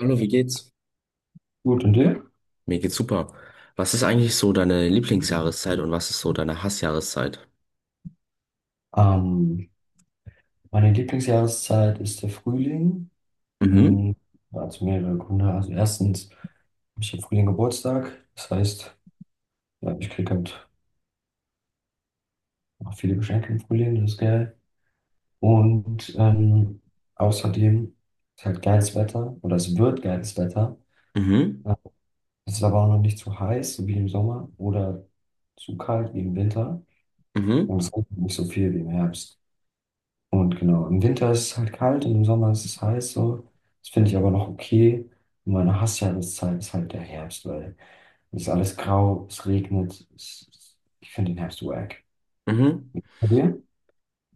Hallo, wie geht's? Gut, und dir? Mir geht's super. Was ist eigentlich so deine Lieblingsjahreszeit und was ist so deine Hassjahreszeit? Ähm, Meine Lieblingsjahreszeit ist der Frühling. Mhm, Hm, ja, Also mehrere Gründe. Also erstens habe ich im Frühling Geburtstag. Das heißt, ja, ich kriege halt auch viele Geschenke im Frühling, das ist geil. Und außerdem ist halt geiles Wetter oder es wird geiles Wetter. mhm, Ja, es ist aber auch noch nicht zu heiß, so wie im Sommer, oder zu kalt wie im Winter. mhm, Und es regnet nicht so viel wie im Herbst. Und genau, im Winter ist es halt kalt und im Sommer ist es heiß so. Das finde ich aber noch okay. Und meine Hassjahreszeit ist halt der Herbst, weil es ist alles grau, es regnet. Ich finde den Herbst wack. mhm. Bei dir?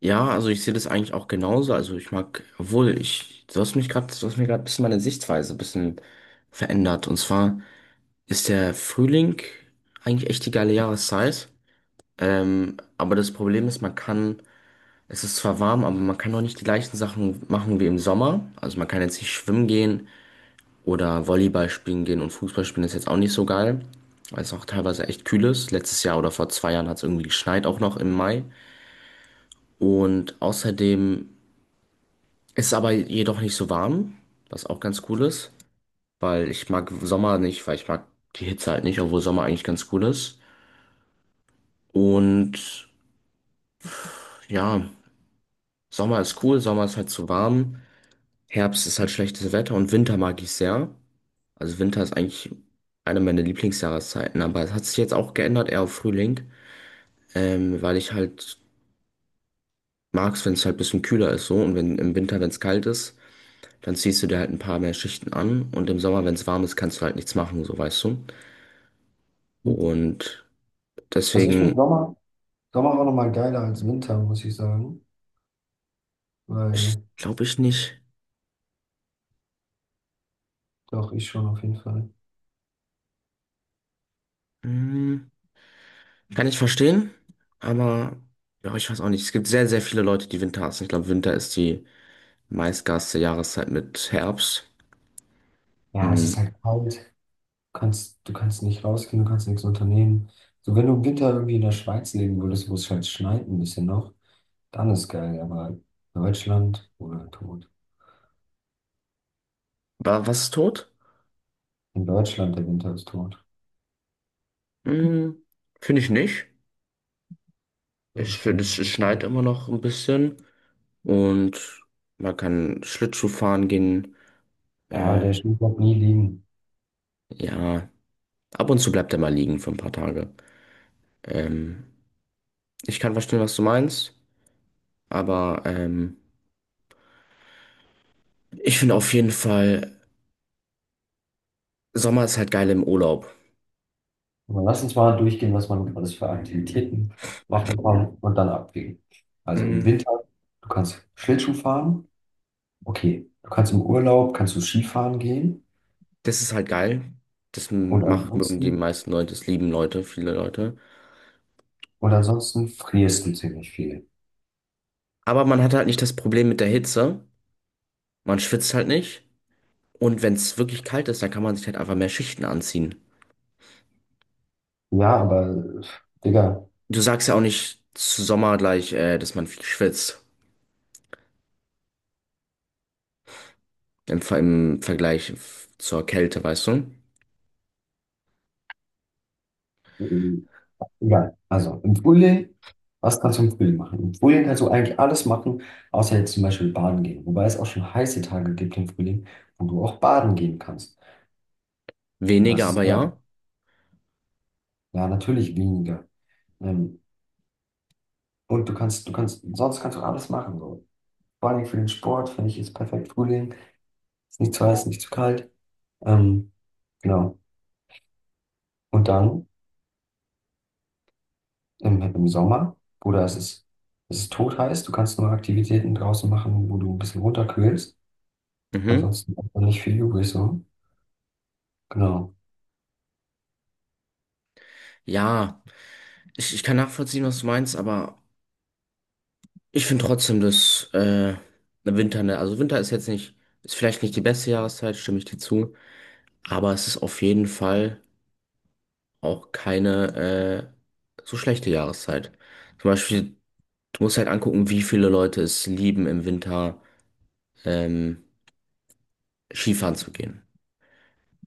Ja, also ich sehe das eigentlich auch genauso. Also ich mag, obwohl ich, du hast mich gerade, du hast mir gerade ein bisschen meine Sichtweise ein bisschen verändert. Und zwar ist der Frühling eigentlich echt die geile Jahreszeit. Aber das Problem ist, man kann, es ist zwar warm, aber man kann auch nicht die gleichen Sachen machen wie im Sommer. Also man kann jetzt nicht schwimmen gehen. Oder Volleyball spielen gehen und Fußball spielen ist jetzt auch nicht so geil, weil es auch teilweise echt kühl ist. Letztes Jahr oder vor 2 Jahren hat es irgendwie geschneit, auch noch im Mai. Und außerdem ist es aber jedoch nicht so warm, was auch ganz cool ist, weil ich mag Sommer nicht, weil ich mag die Hitze halt nicht, obwohl Sommer eigentlich ganz cool ist. Und ja, Sommer ist cool, Sommer ist halt zu warm, Herbst ist halt schlechtes Wetter und Winter mag ich sehr. Also Winter ist eigentlich eine meiner Lieblingsjahreszeiten, aber es hat sich jetzt auch geändert, eher auf Frühling. Weil ich halt mag's, wenn es halt ein bisschen kühler ist so und wenn im Winter, wenn es kalt ist, dann ziehst du dir halt ein paar mehr Schichten an und im Sommer, wenn es warm ist, kannst du halt nichts machen, so weißt du. Und Also ich finde deswegen, Sommer auch nochmal geiler als Winter, muss ich sagen. ich Weil glaube ich nicht. doch, ich schon auf jeden Fall. Hm, kann ich verstehen, aber ja, ich weiß auch nicht. Es gibt sehr, sehr viele Leute, die Winter hassen. Ich glaube, Winter ist die meistgehasste Jahreszeit mit Herbst. Ja, es Hm. ist halt kalt. Du kannst nicht rausgehen, du kannst nichts unternehmen. So, wenn du im Winter irgendwie in der Schweiz leben würdest, wo es halt schneit ein bisschen noch, dann ist geil. Aber Deutschland oder Was ist tot? in Deutschland, der Winter ist tot. Hm, finde ich nicht. So Ich finde, schlimm. es schneit immer noch ein bisschen. Und man kann Schlittschuh fahren gehen. Ja, Äh, der Schnee bleibt nie liegen. ja, ab und zu bleibt er mal liegen für ein paar Tage. Ähm, Ich kann verstehen, was du meinst, aber ich finde auf jeden Fall, Sommer ist halt geil im Urlaub. Aber lass uns mal durchgehen, was man alles für Aktivitäten machen kann und dann abwägen. Also im Mm. Winter, du kannst Schlittschuh fahren. Okay, du kannst im Urlaub, kannst du Skifahren gehen. Das ist halt geil. Und Mögen die ansonsten, meisten Leute, das lieben Leute, viele Leute. und ansonsten frierst du ziemlich viel. Aber man hat halt nicht das Problem mit der Hitze. Man schwitzt halt nicht. Und wenn es wirklich kalt ist, dann kann man sich halt einfach mehr Schichten anziehen. Ja, aber, äh, Digga, Du sagst ja auch nicht zu Sommer gleich, dass man viel schwitzt. Im Vergleich zur Kälte, weißt du? ja, also im Frühling, was kannst du im Frühling machen? Im Frühling kannst du eigentlich alles machen, außer jetzt zum Beispiel baden gehen. Wobei es auch schon heiße Tage gibt im Frühling, wo du auch baden gehen kannst. Und Weniger, das ist aber geil. ja. Ja, natürlich weniger. Ähm, und sonst kannst du alles machen. So. Vor allem für den Sport finde ich ist perfekt Frühling. Ist nicht zu heiß, nicht zu kalt. Ähm, genau. Und dann im Sommer, Bruder, es ist totheiß. Du kannst nur Aktivitäten draußen machen, wo du ein bisschen runterkühlst. Mhm. Ansonsten hat man nicht viel übrig, so. Genau. Ja, ich kann nachvollziehen, was du meinst, aber ich finde trotzdem, dass der Winter, ne, also Winter ist jetzt nicht, ist vielleicht nicht die beste Jahreszeit, stimme ich dir zu, aber es ist auf jeden Fall auch keine so schlechte Jahreszeit. Zum Beispiel, du musst halt angucken, wie viele Leute es lieben, im Winter ähm, Skifahren zu gehen.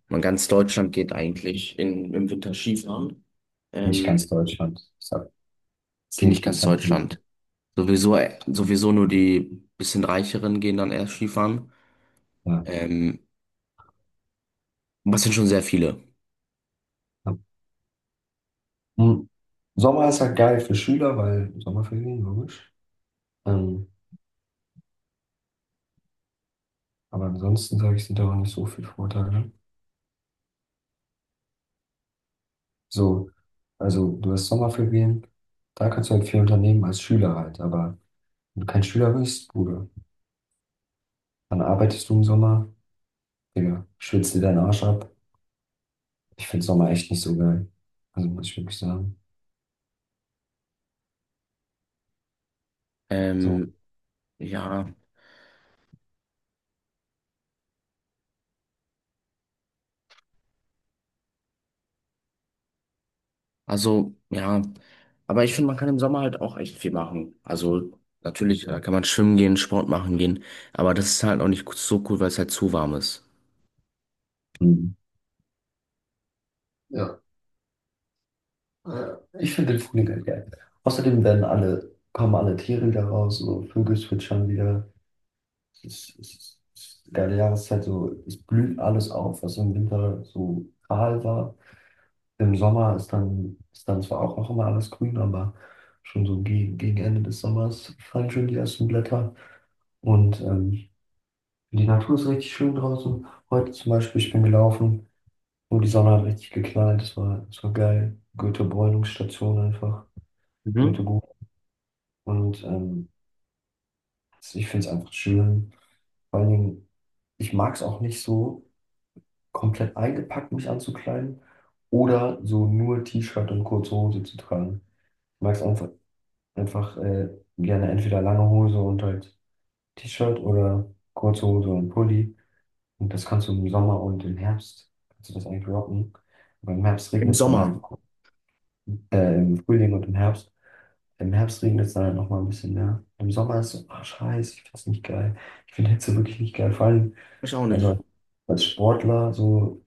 Man ganz Deutschland geht eigentlich im Winter Skifahren. Nicht Ähm, ganz Deutschland. Ich sag Geht nicht ganz 10%. Deutschland. Sowieso, sowieso nur die bisschen Reicheren gehen dann erst Skifahren. Ja, Ähm, Was sind schon sehr viele. ja. Hm. Sommer ist halt geil für Schüler, weil Sommerferien, logisch. Ähm, aber ansonsten sage ich, sind da auch nicht so viele Vorteile, ne? So, also du hast Sommerferien, da kannst du halt viel unternehmen als Schüler halt. Aber wenn du kein Schüler bist, Bruder, dann arbeitest du im Sommer, Digga, schwitzt dir deinen Arsch ab. Ich finde Sommer echt nicht so geil. Also muss ich wirklich sagen. Ähm, So. ja, ja. Aber ich finde, man kann im Sommer halt auch echt viel machen. Also, natürlich, da kann man schwimmen gehen, Sport machen gehen. Aber das ist halt auch nicht so cool, weil es halt zu warm ist. Hm. Ja, ich finde den Frühling halt geil. Außerdem kommen alle Tiere wieder raus, so Vögel zwitschern wieder. Es ist eine geile Jahreszeit, so es blüht alles auf, was im Winter so kahl war. Im Sommer ist dann zwar auch noch immer alles grün, aber schon so gegen Ende des Sommers fallen schon die ersten Blätter. Und die Natur ist richtig schön draußen. Heute zum Beispiel, ich bin gelaufen und die Sonne hat richtig geknallt. Es war geil. Goethe-Bräunungsstation einfach. Mhm. Goethe-Gruben. Und ich finde es einfach schön. Vor allen Dingen, ich mag es auch nicht so komplett eingepackt, mich anzukleiden oder so nur T-Shirt und kurze Hose zu tragen. Ich mag es einfach gerne entweder lange Hose und halt T-Shirt oder kurze Hose und Pulli. Und das kannst du im Sommer und im Herbst, kannst du das eigentlich rocken. Aber im Herbst Im regnet es dann halt, Sommer. Im Frühling und im Herbst. Im Herbst regnet es dann halt nochmal ein bisschen mehr. Im Sommer ist so, ah, scheiße, ich finde das nicht geil. Ich finde Hitze wirklich nicht geil. Vor allem, Ich auch nicht. also als Sportler, so,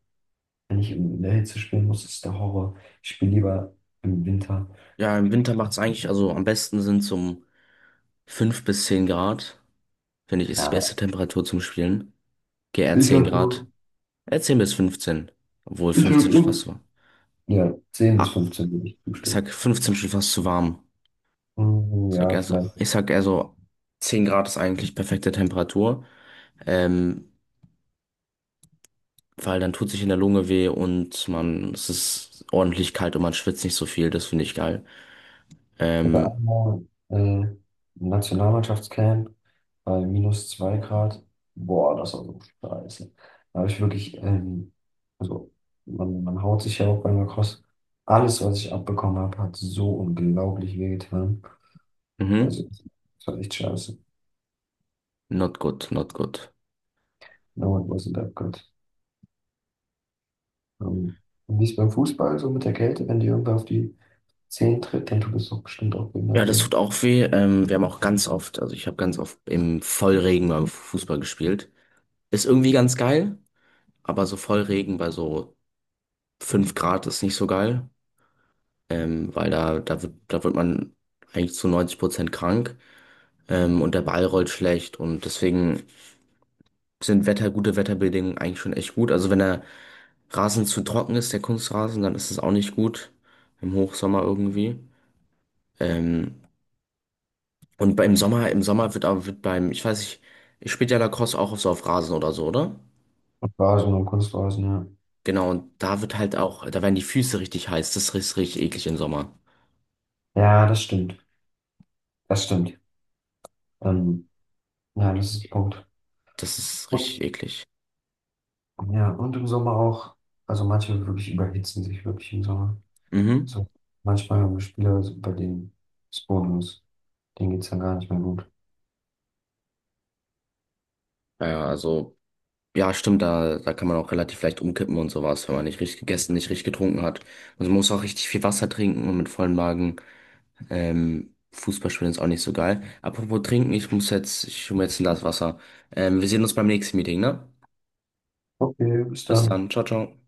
wenn ich in der Hitze spielen muss, ist der Horror. Ich spiele lieber im Winter. Ja, im Winter macht es eigentlich, also am besten sind zum 5 bis 10 Grad, finde ich, ist die Ja. beste Temperatur zum Spielen. Geh eher Ich 10 sag Grad. so, Eher 10 bis fünfzehn, obwohl ich sag 15 schon fast so. so. Ja, zehn bis Ah, fünfzehn würde ich ich zustimmen. sag 15 schon fast zu warm. Mhm, Ich sag ja, eher so, vielleicht. ich sag eher so 10 Grad ist eigentlich perfekte Temperatur. Ähm, Weil dann tut sich in der Lunge weh und man, es ist ordentlich kalt und man schwitzt nicht so viel. Das finde ich geil. Oder Ähm, einmal äh, Nationalmannschaftscamp bei -2 Grad. Boah, das war so scheiße. Da habe ich wirklich, also man haut sich ja auch beim Lacrosse. Alles, was ich abbekommen habe, hat so unglaublich wehgetan. mhm. Also, das war echt scheiße. Not good, not good. No, it wasn't that good. Ähm, und wie ist beim Fußball so mit der Kälte? Wenn dir irgendwer auf die Zehen tritt, dann tut es doch bestimmt auch Ja, behindert das weh. tut auch weh. Wir haben auch ganz oft, also ich habe ganz oft im Vollregen beim Fußball gespielt. Ist irgendwie ganz geil, aber so Vollregen bei so 5 Grad ist nicht so geil, weil da wird man eigentlich zu 90% krank, und der Ball rollt schlecht und deswegen sind Wetter, gute Wetterbedingungen eigentlich schon echt gut. Also wenn der Rasen zu trocken ist, der Kunstrasen, dann ist es auch nicht gut im Hochsommer irgendwie. Ähm, und beim Sommer, im Sommer wird aber wird beim, ich weiß nicht, ich spiele ja Lacrosse auch auf so auf Rasen oder so, oder? Und Rasen und Kunstrasen, ja. Genau, und da wird halt auch, da werden die Füße richtig heiß. Das ist richtig eklig im Sommer. Ja, das stimmt. Das stimmt. Ähm, ja, das ist ein Punkt. Das ist richtig Und, eklig. ja, und im Sommer auch, also manche wirklich überhitzen sich wirklich im Sommer. Mhm. So, manchmal haben wir Spieler, bei denen ist Bonus, denen geht es dann gar nicht mehr gut. Ja, stimmt, da kann man auch relativ leicht umkippen und sowas, wenn man nicht richtig gegessen, nicht richtig getrunken hat. Und man muss auch richtig viel Wasser trinken und mit vollem Magen, Fußball spielen ist auch nicht so geil. Apropos trinken, ich hole mir jetzt ein Glas Wasser. Wir sehen uns beim nächsten Meeting, ne? Okay, bis Bis dann. dann, ciao, ciao.